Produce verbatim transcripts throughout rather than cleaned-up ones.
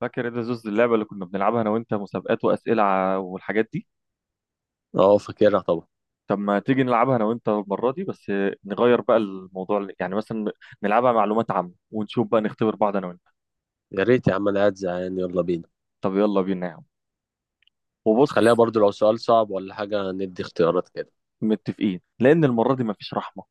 فاكر ايه ده زوز اللعبة اللي كنا بنلعبها أنا وأنت مسابقات وأسئلة ع- والحاجات دي. اه، فاكرها طبعا. طب ما تيجي نلعبها أنا وأنت المرة دي بس نغير بقى الموضوع يعني مثلا نلعبها معلومات عامة ونشوف بقى نختبر بعض أنا وأنت. يا ريت يا عم، انا قاعد زهقان، يلا بينا. طب يلا بينا يا عم. وبص، خليها برضو، لو سؤال صعب ولا حاجة ندي اختيارات كده. متفقين لأن المرة دي مفيش رحمة.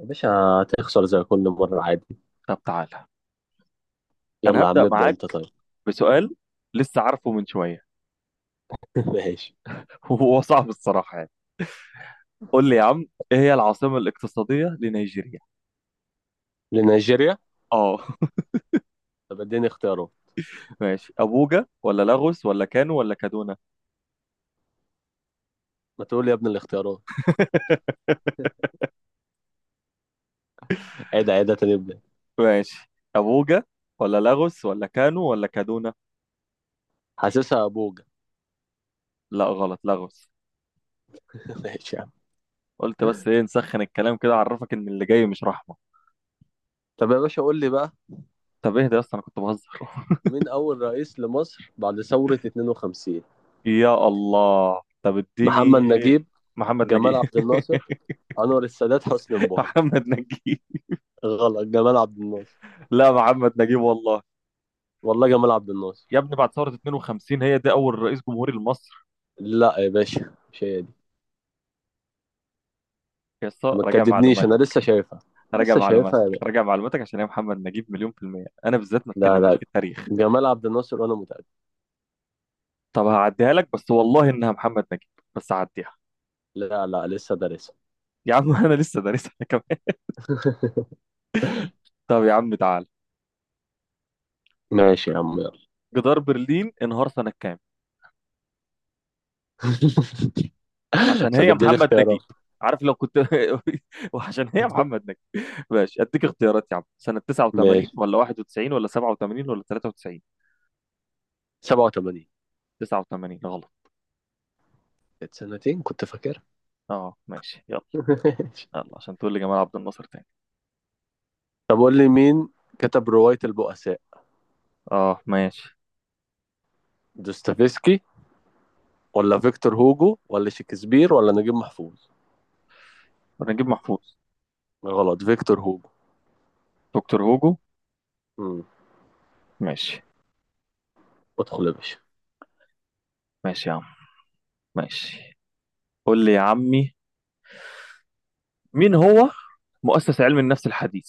يا باشا، هتخسر زي كل مرة عادي. طب تعالى، أنا يلا يا عم، هبدأ ابدأ معاك انت طيب. بسؤال لسه عارفه من شوية. ماشي. وهو صعب الصراحة يعني. قول لي يا عم، إيه هي العاصمة الاقتصادية لنيجيريا؟ لنيجيريا؟ آه. طب اديني اختيارات. ماشي، أبوجا ولا لاغوس ولا كانو ولا كادونا؟ ما تقول لي يا ابني الاختيارات. عيد، عيد تاني، ابدا. ماشي، أبوجا ولا لاغوس ولا كانو ولا كادونا. حاسسها ابوجا. لا غلط، لاغوس. ماشي يا عم. قلت بس ايه، نسخن الكلام كده اعرفك ان اللي جاي مش رحمة. طب يا باشا، قول لي بقى، طب اهدى يا اسطى، انا كنت بهزر. مين أول رئيس لمصر بعد ثورة اتنين وخمسين؟ يا الله، طب اديني. محمد نجيب، محمد نجيب. جمال عبد الناصر، أنور السادات، حسني مبارك. محمد نجيب. غلط، جمال عبد الناصر. لا محمد نجيب والله. والله جمال عبد يا الناصر. ابني بعد ثورة اتنين وخمسين هي دي أول رئيس جمهوري لمصر. لا يا باشا، مش هي دي. يا اسطى ما راجع تكدبنيش، انا معلوماتك، لسه شايفها. راجع لسه شايفها معلوماتك، يا باشا. راجع معلوماتك عشان هي محمد نجيب مليون في المية. أنا بالذات ما لا، تكلمنيش في لا، التاريخ. جمال عبد الناصر وانا متأكد. طب هعديها لك، بس والله إنها محمد نجيب. بس هعديها. لا، لا، لسه دارسها. يا عم، انا لسه دارسها كمان. طب يا عم تعال، ماشي يا عم يلا. جدار برلين انهار سنة كام؟ عشان طب هي اديني محمد اختيارات. نجيب. عارف لو كنت وعشان هي محمد نجيب. ماشي اديك اختيارات يا عم، سنة تسعة وثمانين ماشي، ولا واحد وتسعين ولا سبعة وثمانين ولا تلاتة وتسعين؟ سبعة وتمانين. تسعة وثمانين. غلط. كانت سنتين كنت فاكرها. اه ماشي يلا. ماشي. يلا عشان تقول لي جمال عبد الناصر تاني. طب قول لي، مين كتب رواية البؤساء؟ اه ماشي. دوستويفسكي ولا فيكتور هوجو ولا شكسبير ولا نجيب محفوظ؟ نجيب محفوظ. غلط، فيكتور هوجو. دكتور هوجو. امم ماشي. ادخل يا باشا. ماشي يا عم. ماشي. قول لي يا عمي، مين هو مؤسس علم النفس الحديث؟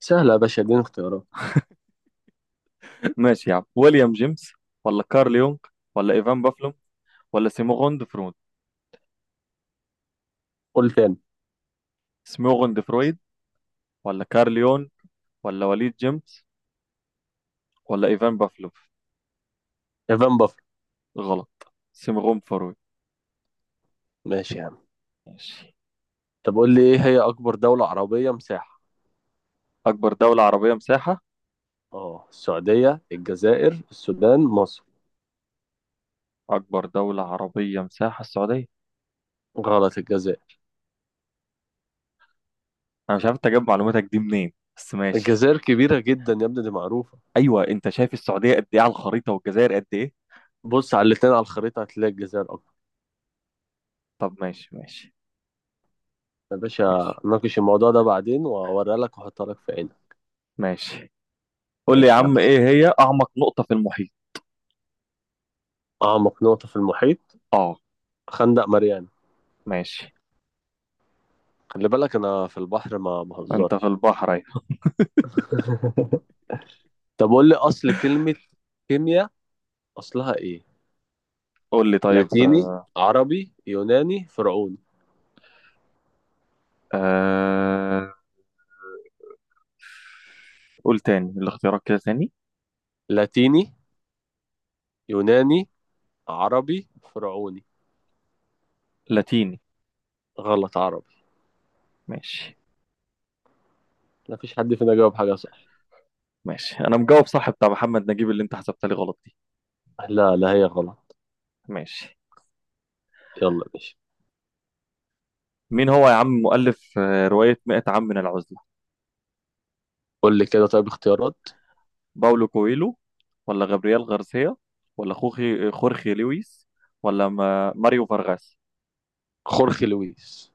سهلة يا باشا، اديني اختيارات. ماشي يا عم، ويليام جيمس ولا كارل يونغ ولا إيفان بافلوم ولا سيموغوند فرويد؟ قول تاني. سيموغوند فرويد ولا كارل يونغ ولا وليد جيمس ولا إيفان بافلوف. ايفان بافر. غلط، سيموغوند فرويد. ماشي يا عم. ماشي. طب قول لي، ايه هي اكبر دولة عربية مساحة؟ أكبر دولة عربية مساحة. اه، السعودية، الجزائر، السودان، مصر. أكبر دولة عربية مساحة السعودية. غلط، الجزائر. أنا مش عارف أنت جايب معلوماتك دي منين، بس ماشي. الجزائر كبيرة جدا يا ابني، دي معروفة. أيوه، أنت شايف السعودية قد إيه على الخريطة والجزائر قد إيه. بص على الاتنين على الخريطة هتلاقي الجزائر اكبر. طب ماشي ماشي. يا باشا ماشي ناقش الموضوع ده بعدين، واوريها لك واحطها لك في عينك. ماشي. قول لي يا ماشي يا عم. عم، إيه هي أعمق نقطة في المحيط؟ اعمق نقطة في المحيط. أه. خندق ماريانا. ماشي. خلي بالك، انا في البحر ما أنت في بهزرش. البحر اهي. طب قول لي، اصل كلمة كيمياء، اصلها ايه؟ قول لي طيب. لاتيني، عربي، يوناني، فرعوني؟ آه... قول تاني الاختيارات كده تاني. لاتيني، يوناني، عربي، فرعوني. لاتيني. غلط، عربي. ماشي. لا فيش حد فينا جاوب حاجة صح. ماشي انا مجاوب صح بتاع محمد نجيب اللي انت حسبتها لي غلط دي. لا، لا، هي غلط. ماشي. يلا يا باشا. مين هو يا عم مؤلف آه، رواية مئة عام من العزلة؟ قول لي كده طيب، اختيارات. باولو كويلو ولا غابرييل غارسيا ولا خوخي خورخي لويس ولا ما... ماريو فارغاس. خورخي لويس.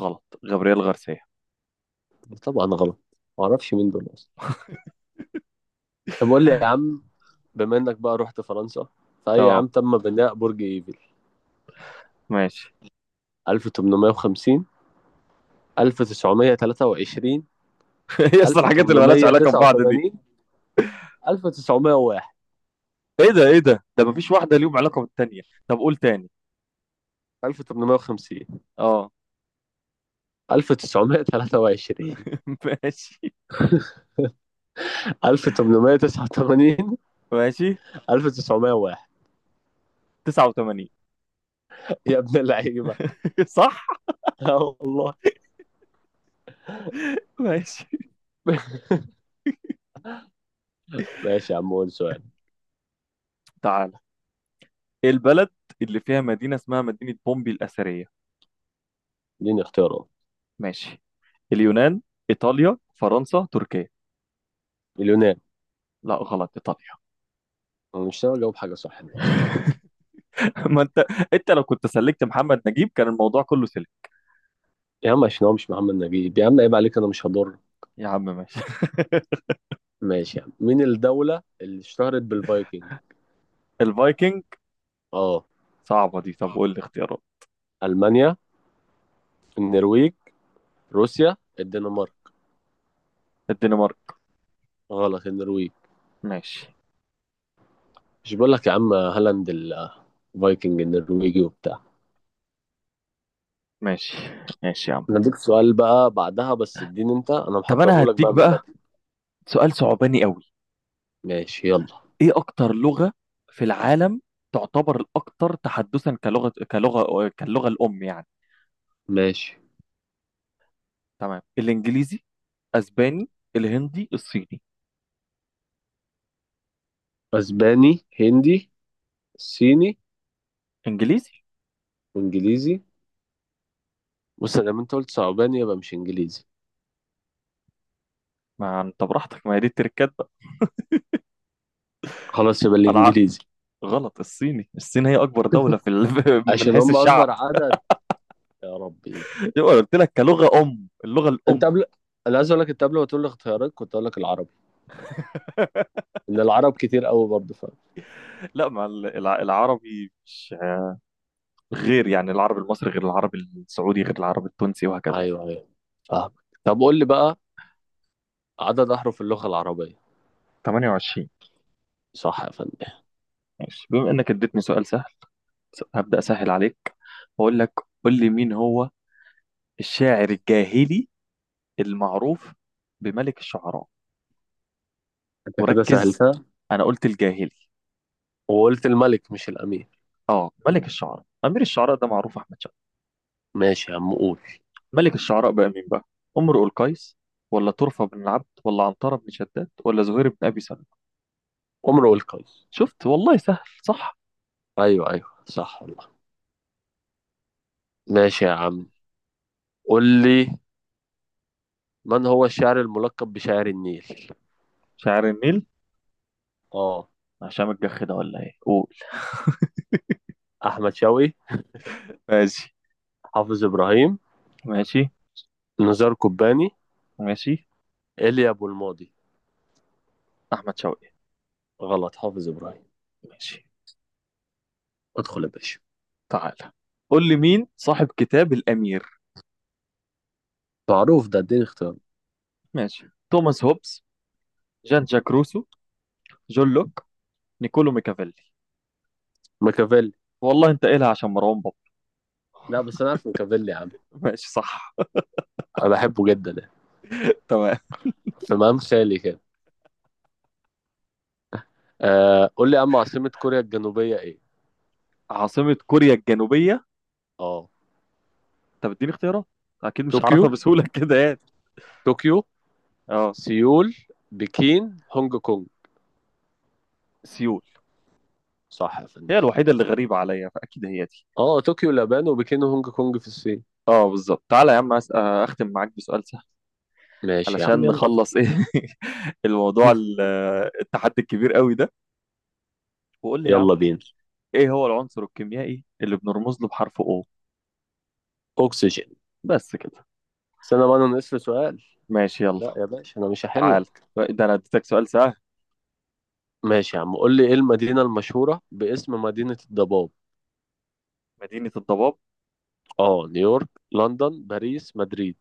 غلط، غابرييل غارسيا. طبعا غلط. معرفش مين دول أصلا. طب قول لي يا عم، بما إنك بقى رحت فرنسا، فأي اه عام تم بناء برج إيفل؟ ماشي. ألف وثمانمائة وخمسين، ألف وتسعمائة وثلاثة وعشرين، هي اصلا الحاجات اللي مالهاش علاقة ببعض دي. ألف وتمنمية وتسعة وتمانين، ألف وتسعمية وواحد. ايه ده ايه ده ده مفيش واحدة ليهم علاقة بالتانية. طب قول تاني. ألف وتمنمية وخمسين، اه. ألف وتسعمائة وثلاثة وعشرين، ماشي. ألف وتمنمية وتسعة وتمانين، ماشي. ألف وتسعمية وواحد. تسعة وثمانين. يا ابن اللعيبه. صح. اه والله. ماشي. ماشي يا عم، قول سؤال. تعال، إيه البلد اللي فيها مدينة اسمها مدينة بومبي الأثرية؟ اديني اختيارات. ماشي. اليونان، إيطاليا، فرنسا، تركيا. اليونان. لا غلط، إيطاليا. انا مش ناوي اجاوب حاجه صح النهارده. ما أنت، أنت لو كنت سلكت محمد نجيب كان الموضوع كله سلك. يا عم عشان هو مش محمد نجيب، يا عم عيب عليك، انا مش هضر. يا عم ماشي. ماشي يا عم، مين الدوله اللي اشتهرت بالفايكنج؟ الفايكنج. اه، صعبة دي، طب قول لي اختيارات. المانيا، النرويج، روسيا، الدنمارك. الدنمارك. غلط، النرويج. ماشي. مش بقول لك يا عم هالاند ال- الفايكنج النرويجي وبتاع. ماشي. ماشي يا عم. انا اديك سؤال بقى بعدها، بس اديني انت، انا طب أنا محضره لك بقى هديك من بقى بدري. سؤال صعباني قوي. ماشي يلا. ايه اكتر لغة في العالم تعتبر الاكثر تحدثا كلغة كلغة كاللغة الام يعني؟ ماشي. تمام، الانجليزي، اسباني، الهندي، الصيني. اسباني، هندي، صيني، انجليزي. وانجليزي. بص، لما انت قلت صعباني يبقى مش انجليزي. ما انت براحتك، ما هي دي التركات بقى. خلاص يبقى العقل. الانجليزي. غلط، الصيني. الصين هي اكبر دولة في ال... من عشان حيث هم الشعب. اكبر عدد. يا ربي. يبقى قلت لك كلغة ام، اللغة انت الام. قبل انا عايز اقول لك، انت قبل ما تقول لي اختيارات كنت اقول لك العربي. ان العرب كتير قوي برضه، فاهم. لا، ما ال- الع- العربي مش غير يعني، العربي المصري غير العربي السعودي غير العربي التونسي وهكذا يعني. ايوه، ايوه، فاهم. طب قول لي بقى، عدد احرف اللغه العربيه. تمنية وعشرين. صح يا فندم. ماشي بما انك اديتني سؤال سهل هبدأ أسهل عليك وأقول لك. قول لي مين هو الشاعر الجاهلي المعروف بملك الشعراء. انت كده وركز، سهلتها. أنا قلت الجاهلي. وقلت الملك مش الامير. آه، ملك الشعراء. أمير الشعراء ده معروف أحمد شد. ماشي يا عم، قول. ملك الشعراء بقى مين بقى؟ امرؤ القيس ولا طرفة بن العبد ولا عنترة بن شداد ولا زهير بن أبي سلمة؟ امرؤ القيس. شفت والله سهل صح. ايوه، ايوه، صح والله. ماشي يا عم، قول لي، من هو الشاعر الملقب بشاعر النيل؟ شاعر النيل. اه، هشام الجح ده ولا إيه؟ قول. احمد شوقي، ماشي. حافظ ابراهيم، ماشي. نزار قباني، ماشي. ايليا ابو الماضي. أحمد شوقي. غلط، حافظ ابراهيم. ماشي. ادخل يا باشا. تعالى، قول لي مين صاحب كتاب الأمير؟ معروف ده، اديني اختيار. ماشي، توماس هوبز، جان جاك روسو، جون لوك، نيكولو ميكافيلي. ميكافيلي. والله انت قايلها عشان مروان بابا. لا بس انا عارف ميكافيلي يا عم. ماشي صح. انا بحبه جدا يعني، تمام. في مقام خالي كده. آه، قول لي يا عم، عاصمة كوريا الجنوبية ايه؟ عاصمة كوريا الجنوبية. اه، انت بتديني اختيارات، اكيد مش هعرفها طوكيو، بسهولة كده يعني. طوكيو، اه. سيول، بكين، هونج كونج. سيول. صح يا هي فندم. الوحيدة اللي غريبة عليا، فاكيد هي دي. اه، طوكيو اليابان، وبكين وهونج كونج في الصين. اه بالظبط. تعالى يا عم، أس- آه، اختم معاك بسؤال سهل ماشي يا عم، علشان يلا بينا. نخلص ايه الموضوع ال- آه، التحدي الكبير قوي ده. وقول لي يا عم، يلا بينا. ايه هو العنصر الكيميائي اللي بنرمز له بحرف O؟ اكسجين. بس كده. استنى بقى، انا ناقص لي سؤال. ماشي يلا. لا يا باشا، انا مش هحل. تعال، ده انا اديتك سؤال سهل. ماشي يا عم، قول لي، ايه المدينة المشهورة باسم مدينة الضباب؟ مدينة الضباب. اه، نيويورك، لندن، باريس، مدريد.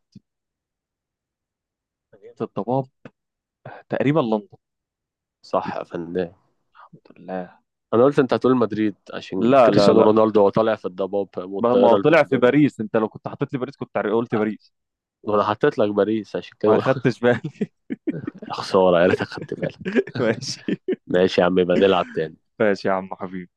مدينة الضباب تقريبا لندن. صح يا فنان. الحمد لله. انا قلت انت هتقول مدريد عشان لا لا كريستيانو لا، رونالدو، هو طالع في الضباب ما ما هو والطائرة طلع في البندوم. باريس، انت لو كنت حطيت لي باريس كنت عر- قلت باريس. وانا حطيت لك باريس عشان كده، ما قلت- خدتش بالي. يا خسارة، يا ريتك خدت بالك. ماشي. ماشي يا عم، يبقى نلعب تاني. ماشي يا عم حبيبي.